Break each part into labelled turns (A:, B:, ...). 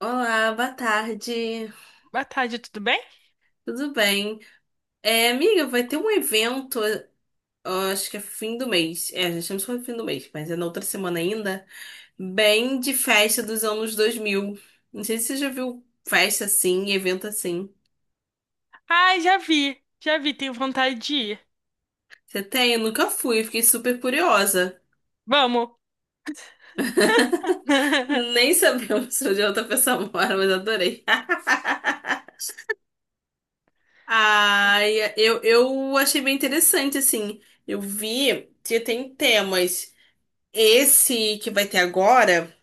A: Olá, boa tarde.
B: Boa tarde, tudo bem?
A: Tudo bem? Amiga, vai ter um evento, ó, acho que é fim do mês. É, já estamos no fim do mês, mas é na outra semana ainda. Bem de festa dos anos 2000. Não sei se você já viu festa assim, evento assim.
B: Ai, já vi, tenho vontade de ir.
A: Você tem? Eu nunca fui, fiquei super curiosa.
B: Vamos.
A: Nem sabemos onde a outra pessoa mora, mas adorei. Ai, eu achei bem interessante, assim. Eu vi que tem temas. Esse que vai ter agora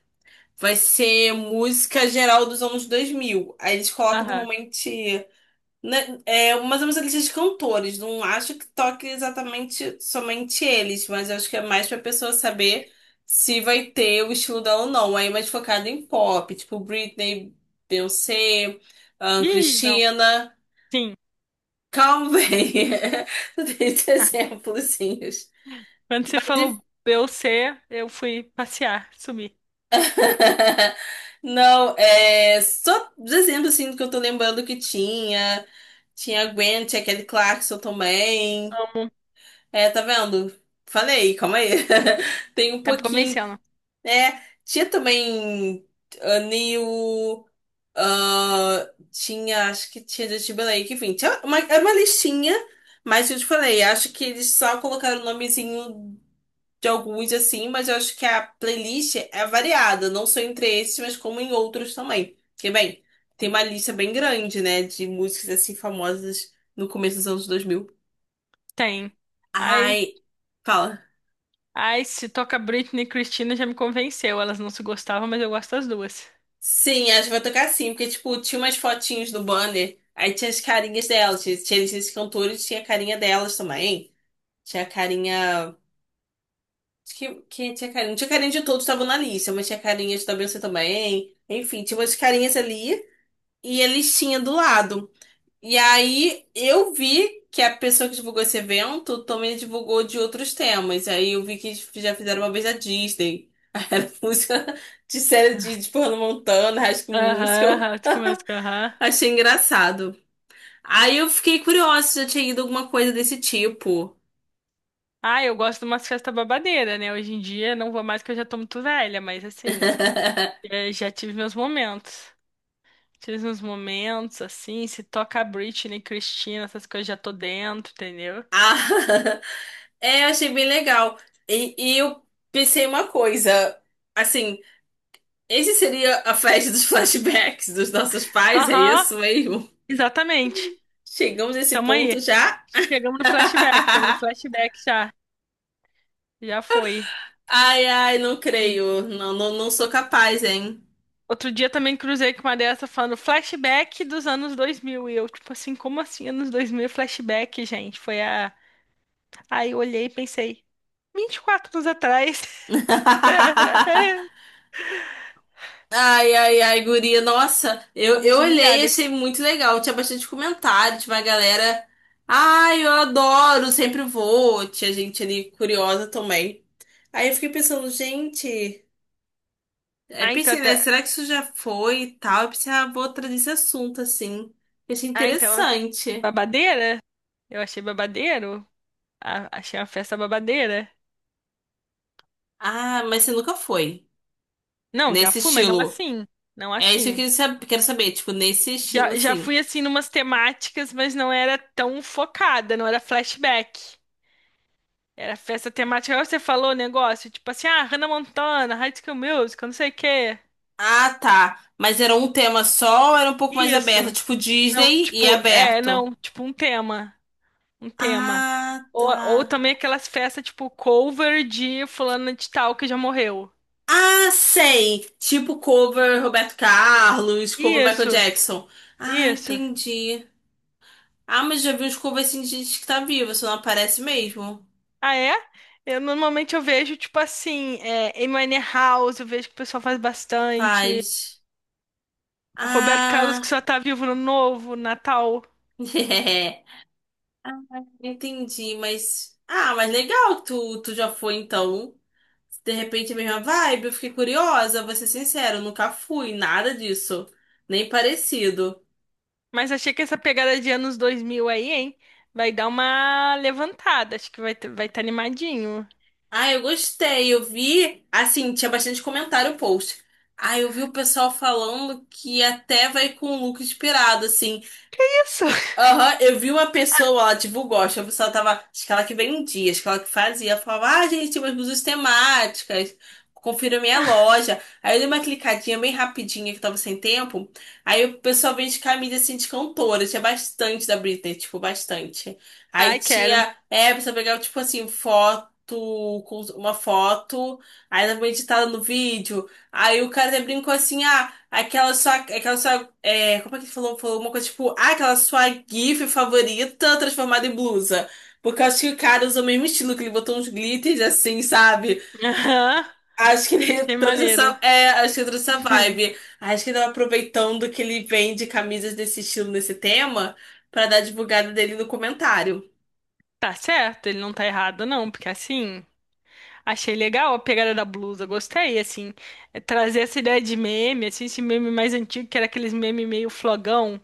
A: vai ser música geral dos anos 2000. Aí eles colocam
B: Aham.
A: normalmente, né, mais ou menos a lista de cantores. Não acho que toque exatamente somente eles, mas eu acho que é mais pra pessoa saber se vai ter o estilo dela ou não. Aí mais focado em pop, tipo Britney, Beyoncé,
B: Ih, não.
A: Christina.
B: Sim.
A: Calma aí. Não tem
B: Ah,
A: exemplos.
B: Quando você
A: Mas
B: falou Beyoncé, eu fui passear, sumi.
A: não, é só dizendo assim do que eu tô lembrando que tinha. Tinha a Gwen, tinha Kelly Clarkson também.
B: Amo.
A: É, tá vendo? Falei, calma aí. Tem um
B: Tá me
A: pouquinho.
B: convencendo.
A: É, tinha também a Neil. Ah, tinha, acho que tinha Justin Timberlake, enfim, tinha uma, era uma listinha, mas eu te falei, acho que eles só colocaram o nomezinho de alguns assim, mas eu acho que a playlist é variada, não só entre esses, mas como em outros também. Porque, bem, tem uma lista bem grande, né, de músicas assim famosas no começo dos anos 2000.
B: Tem. Ai,
A: Ai, fala.
B: ai, se toca Britney e Christina já me convenceu. Elas não se gostavam, mas eu gosto das duas.
A: Sim, acho que vai tocar sim, porque, tipo, tinha umas fotinhos no banner, aí tinha as carinhas delas, tinha esses cantores, tinha a carinha delas também, tinha a carinha... Acho que, tinha carinha? Não tinha carinha de todos que estavam na lista, mas tinha carinhas da Beyoncé também. Enfim, tinha umas carinhas ali e a listinha do lado. E aí eu vi que a pessoa que divulgou esse evento também divulgou de outros temas. Aí eu vi que eles já fizeram uma vez a Disney. Aí era música de série de Hannah Montana, High School
B: Aham,
A: Musical.
B: aham, tu começa com aham.
A: Achei engraçado. Aí eu fiquei curiosa se já tinha ido alguma coisa desse tipo.
B: Ah, eu gosto de umas festas babadeiras, né? Hoje em dia não vou mais que eu já tô muito velha, mas assim, já tive meus momentos. Tive uns momentos assim, se toca Britney, Cristina, essas coisas já tô dentro, entendeu?
A: Ah, é, achei bem legal. E eu pensei uma coisa, assim, esse seria a festa dos flashbacks dos nossos pais, é
B: Aham,
A: isso mesmo?
B: exatamente.
A: Chegamos nesse
B: Tamo
A: ponto
B: aí.
A: já?
B: Chegamos no flashback, estamos no flashback já. Já foi.
A: Ai, ai, não
B: Sim.
A: creio. Não, não, não sou
B: Out-
A: capaz, hein?
B: Outro dia também cruzei com uma dessa falando flashback dos anos dois mil. E eu, tipo assim, como assim anos 2000 flashback, gente? Foi a. Aí eu olhei e pensei, 24 anos atrás.
A: Ai, ai, ai, guria. Nossa, eu
B: Fomos
A: olhei e achei
B: humilhadas.
A: muito legal. Tinha bastante comentário, tinha uma galera. Ai, eu adoro, sempre vou. Tinha gente ali curiosa também. Aí eu fiquei pensando, gente. Aí
B: Ah, então,
A: pensei, né?
B: tá...
A: Será que isso já foi e tal? Eu pensei, ah, vou trazer esse assunto assim. Eu achei
B: Ah, então,
A: interessante.
B: babadeira? Eu achei babadeiro. Achei uma festa babadeira.
A: Ah, mas você nunca foi.
B: Não, já
A: Nesse
B: fui, mas não
A: estilo.
B: assim. Não
A: É isso que
B: assim.
A: eu quero saber, tipo, nesse estilo,
B: Já, já
A: assim.
B: fui assim numas temáticas, mas não era tão focada, não era flashback. Era festa temática. Agora você falou o negócio, tipo assim, ah, Hannah Montana, High School Musical, não sei o quê.
A: Ah, tá. Mas era um tema só ou era um pouco mais aberto?
B: Isso.
A: Tipo,
B: Não,
A: Disney e
B: tipo, é,
A: aberto.
B: não, tipo um tema. Um tema.
A: Ah,
B: Ou
A: tá.
B: também aquelas festas, tipo, cover de fulana de tal que já morreu.
A: Ah, sei. Tipo cover Roberto Carlos, cover Michael
B: Isso,
A: Jackson. Ah,
B: isso.
A: entendi. Ah, mas já vi uns covers assim de gente que tá viva, só não aparece mesmo.
B: Ah, é? Eu normalmente eu vejo, tipo assim, é, Amy Winehouse, eu vejo que o pessoal faz bastante.
A: Faz.
B: Roberto Carlos, que
A: Ah,
B: só tá vivo no novo, Natal.
A: é. Ah, entendi, mas. Ah, mas legal, tu já foi então. Se de repente é a mesma vibe, eu fiquei curiosa, vou ser sincero, nunca fui, nada disso. Nem parecido.
B: Mas achei que essa pegada de anos 2000 aí, hein? Vai dar uma levantada, acho que vai estar vai tá animadinho.
A: Ah, eu gostei, eu vi. Assim, tinha bastante comentário o post. Ah, eu vi o pessoal falando que até vai com o look inspirado, assim.
B: Isso!
A: Aham, eu vi uma pessoa, ela divulgou, acho que a pessoa tava, acho que ela que vendia, acho que ela que fazia, ela falava, ah, gente, umas blusas temáticas, confira minha loja. Aí eu dei uma clicadinha bem rapidinha que eu tava sem tempo, aí o pessoal vende camisa assim de cantora, tinha bastante da Britney, tipo, bastante. Aí
B: Ai, quero.
A: tinha, você pegava, tipo assim, foto, com uma foto, aí ela foi editada no vídeo, aí o cara até brincou assim, ah, Aquela sua. É, como é que ele falou? Falou uma coisa tipo. Ah, aquela sua GIF favorita transformada em blusa. Porque eu acho que o cara usou o mesmo estilo, que ele botou uns glitters assim, sabe?
B: Aham,
A: Acho que ele
B: achei
A: trouxe
B: maneiro.
A: essa. É, acho que ele trouxe essa vibe. Acho que ele tava aproveitando que ele vende camisas desse estilo, nesse tema, pra dar a divulgada dele no comentário.
B: Tá certo, ele não tá errado, não, porque assim. Achei legal a pegada da blusa, gostei, assim, é, trazer essa ideia de meme, assim, esse meme mais antigo, que era aqueles meme meio flogão.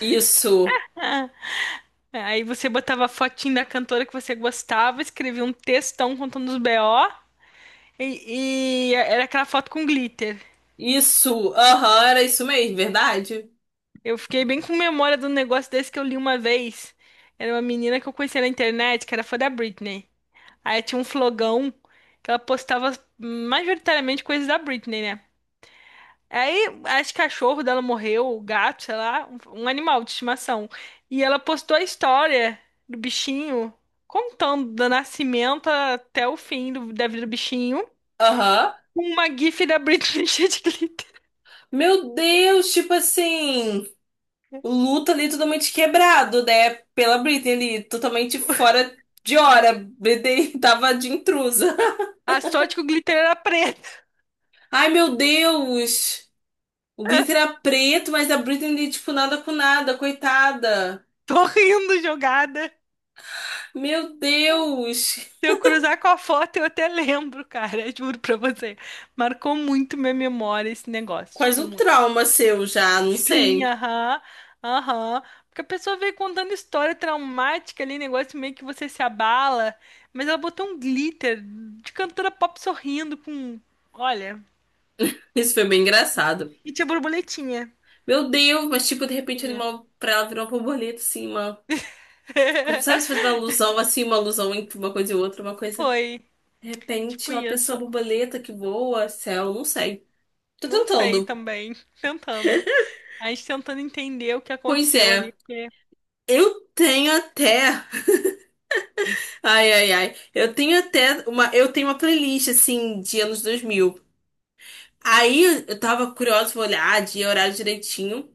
A: Isso.
B: Ah, é, aí você botava a fotinho da cantora que você gostava, escrevia um textão contando os BO, e era aquela foto com glitter.
A: Isso. Aham, era isso mesmo, verdade?
B: Eu fiquei bem com memória de um negócio desse que eu li uma vez. Era uma menina que eu conhecia na internet, que era fã da Britney. Aí tinha um flogão que ela postava majoritariamente coisas da Britney, né? Aí, acho que cachorro dela morreu, o gato, sei lá, um animal de estimação. E ela postou a história do bichinho, contando do nascimento até o da vida do bichinho,
A: Aham.
B: com uma gif da Britney cheia de glitter.
A: Meu Deus, tipo assim. O luto ali é totalmente quebrado, né? Pela Britney ali, totalmente fora de hora. Britney tava de intrusa.
B: A sorte que o glitter era preto.
A: Ai, meu Deus! O glitter era preto, mas a Britney ali, tipo, nada com nada, coitada.
B: Tô rindo jogada.
A: Meu Deus!
B: Se eu cruzar com a foto, eu até lembro, cara, juro pra você. Marcou muito minha memória esse negócio,
A: Quase
B: tipo,
A: um
B: muito.
A: trauma seu já, não
B: Sim,
A: sei.
B: aham, aham. Porque a pessoa veio contando história traumática ali, negócio meio que você se abala, mas ela botou um glitter de cantora pop sorrindo com, olha,
A: Isso foi bem engraçado.
B: e tinha borboletinha.
A: Meu Deus, mas tipo, de repente, ali uma, pra ela virar uma borboleta, assim, uma... Sabe se faz uma alusão, assim, uma alusão entre uma coisa e outra, uma coisa...
B: Foi,
A: De repente,
B: tipo
A: ela pensou a
B: isso.
A: borboleta que voa, céu, não sei. Tô
B: Não sei
A: tentando.
B: também, tentando. A gente tentando entender o que
A: Pois
B: aconteceu
A: é,
B: ali.
A: eu tenho até. Ai, ai, ai. Eu tenho até uma. Eu tenho uma playlist, assim, de anos 2000. Aí eu tava curiosa, vou olhar, dia, horário direitinho.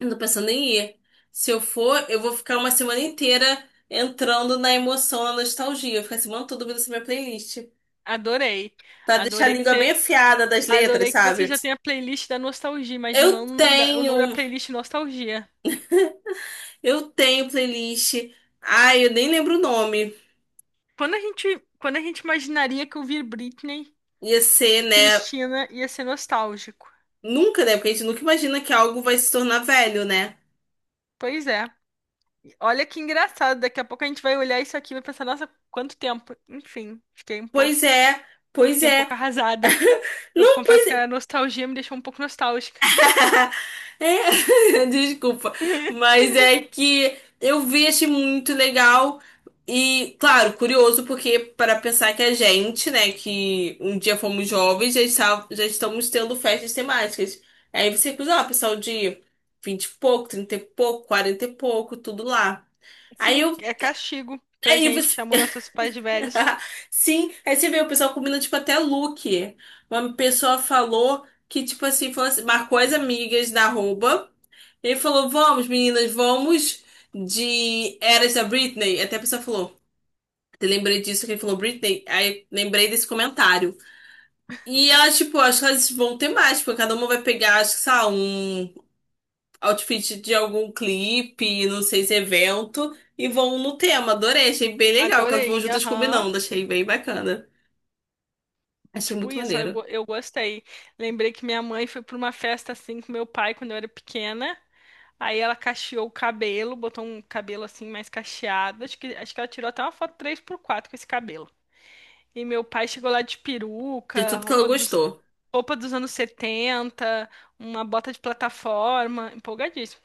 A: Eu tô pensando em ir. Se eu for, eu vou ficar uma semana inteira entrando na emoção, na nostalgia. Eu vou ficar a semana toda ouvindo essa minha playlist.
B: Adorei.
A: Pra deixar a
B: Adorei que
A: língua bem
B: você,
A: afiada das letras,
B: adorei que você
A: sabe?
B: já tem a playlist da nostalgia, imaginando
A: Eu
B: o nome da
A: tenho.
B: playlist nostalgia.
A: Eu tenho playlist. Ai, eu nem lembro o nome.
B: Quando a gente imaginaria que ouvir Britney
A: Ia ser,
B: e
A: né?
B: Cristina ia ser nostálgico.
A: Nunca, né? Porque a gente nunca imagina que algo vai se tornar velho, né?
B: Pois é. E olha que engraçado, daqui a pouco a gente vai olhar isso aqui e vai pensar, nossa, quanto tempo. Enfim,
A: Pois é, pois
B: fiquei um
A: é.
B: pouco arrasada. Eu
A: Não,
B: confesso
A: pois
B: que
A: é.
B: a nostalgia me deixou um pouco nostálgica.
A: É, desculpa. Mas é que eu vi, achei muito legal. E, claro, curioso, porque para pensar que a gente, né, que um dia fomos jovens, já, já estamos tendo festas temáticas. Aí você cruza, ó, pessoal de 20 e pouco, 30 e pouco, 40 e pouco, tudo lá. Aí
B: Sim,
A: eu.
B: é castigo pra
A: Aí
B: gente que
A: você.
B: chamou nossos pais de velhos.
A: Sim, aí você vê o pessoal combina, tipo, até look. Uma pessoa falou que, tipo assim, falou assim, marcou as amigas da arroba e falou, vamos, meninas, vamos de Eras da Britney. Até a pessoa falou, eu lembrei disso que ele falou Britney. Aí lembrei desse comentário. E elas, tipo, acho que elas vão ter mais, porque cada uma vai pegar, acho que, sei lá, um outfit de algum clipe, não sei se é evento, e vão no tema. Adorei, achei bem legal que elas vão
B: Adorei,
A: juntas
B: aham.
A: combinando, achei bem bacana. Achei
B: Tipo
A: muito
B: isso,
A: maneiro.
B: eu gostei. Lembrei que minha mãe foi pra uma festa assim com meu pai quando eu era pequena. Aí ela cacheou o cabelo, botou um cabelo assim mais cacheado. Acho que ela tirou até uma foto 3x4 com esse cabelo. E meu pai chegou lá de
A: De
B: peruca,
A: tudo que ela gostou.
B: roupa dos anos 70, uma bota de plataforma, empolgadíssimo.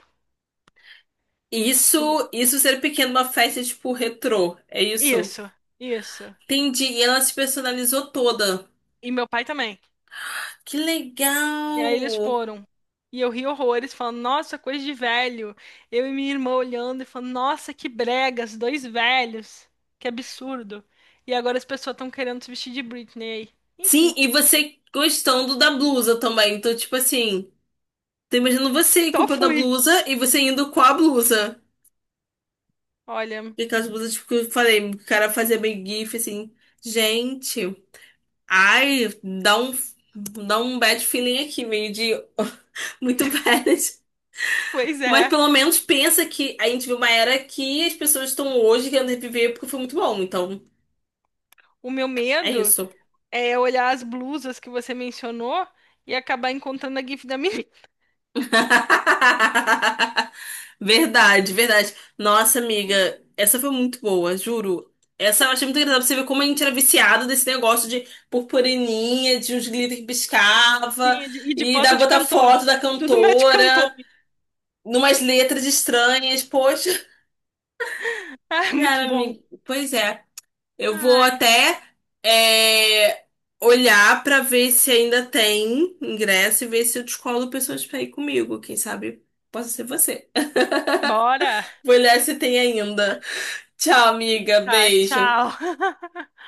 A: E isso ser pequeno, uma festa tipo retrô. É isso?
B: Isso, isso.
A: Entendi. E ela se personalizou toda.
B: E meu pai também.
A: Que
B: E aí eles
A: legal!
B: foram. E eu ri horrores, falando, nossa, coisa de velho. Eu e minha irmã olhando e falando, nossa, que bregas, dois velhos. Que absurdo. E agora as pessoas estão querendo se vestir de Britney aí.
A: Sim,
B: Enfim,
A: e você gostando da blusa também. Então, tipo assim, tô imaginando você
B: só
A: comprando a
B: fui.
A: blusa e você indo com a blusa.
B: Olha,
A: E aquelas blusas, tipo, que eu falei, o cara fazia meio gif assim. Gente, ai, dá um, dá um bad feeling aqui, meio de muito bad.
B: pois
A: Mas
B: é.
A: pelo menos pensa que a gente viu uma era que as pessoas estão hoje querendo reviver porque foi muito bom. Então,
B: O meu
A: é
B: medo
A: isso.
B: é olhar as blusas que você mencionou e acabar encontrando a GIF da minha.
A: Verdade, verdade. Nossa, amiga, essa foi muito boa, juro. Essa eu achei muito engraçada pra você ver como a gente era viciado desse negócio de purpurininha, de uns glitter que piscava,
B: Sim, e de
A: e da
B: foto de
A: botar
B: cantor.
A: foto da
B: Tudo match cantor.
A: cantora, numas letras estranhas. Poxa,
B: Ah, muito
A: cara,
B: bom.
A: amiga, pois é. Eu vou
B: Ai,
A: até é, olhar pra ver se ainda tem ingresso e ver se eu descolo pessoas pra ir comigo. Quem sabe possa ser você.
B: bora.
A: Vou olhar se tem ainda. Tchau, amiga.
B: Tá, tchau.
A: Beijo.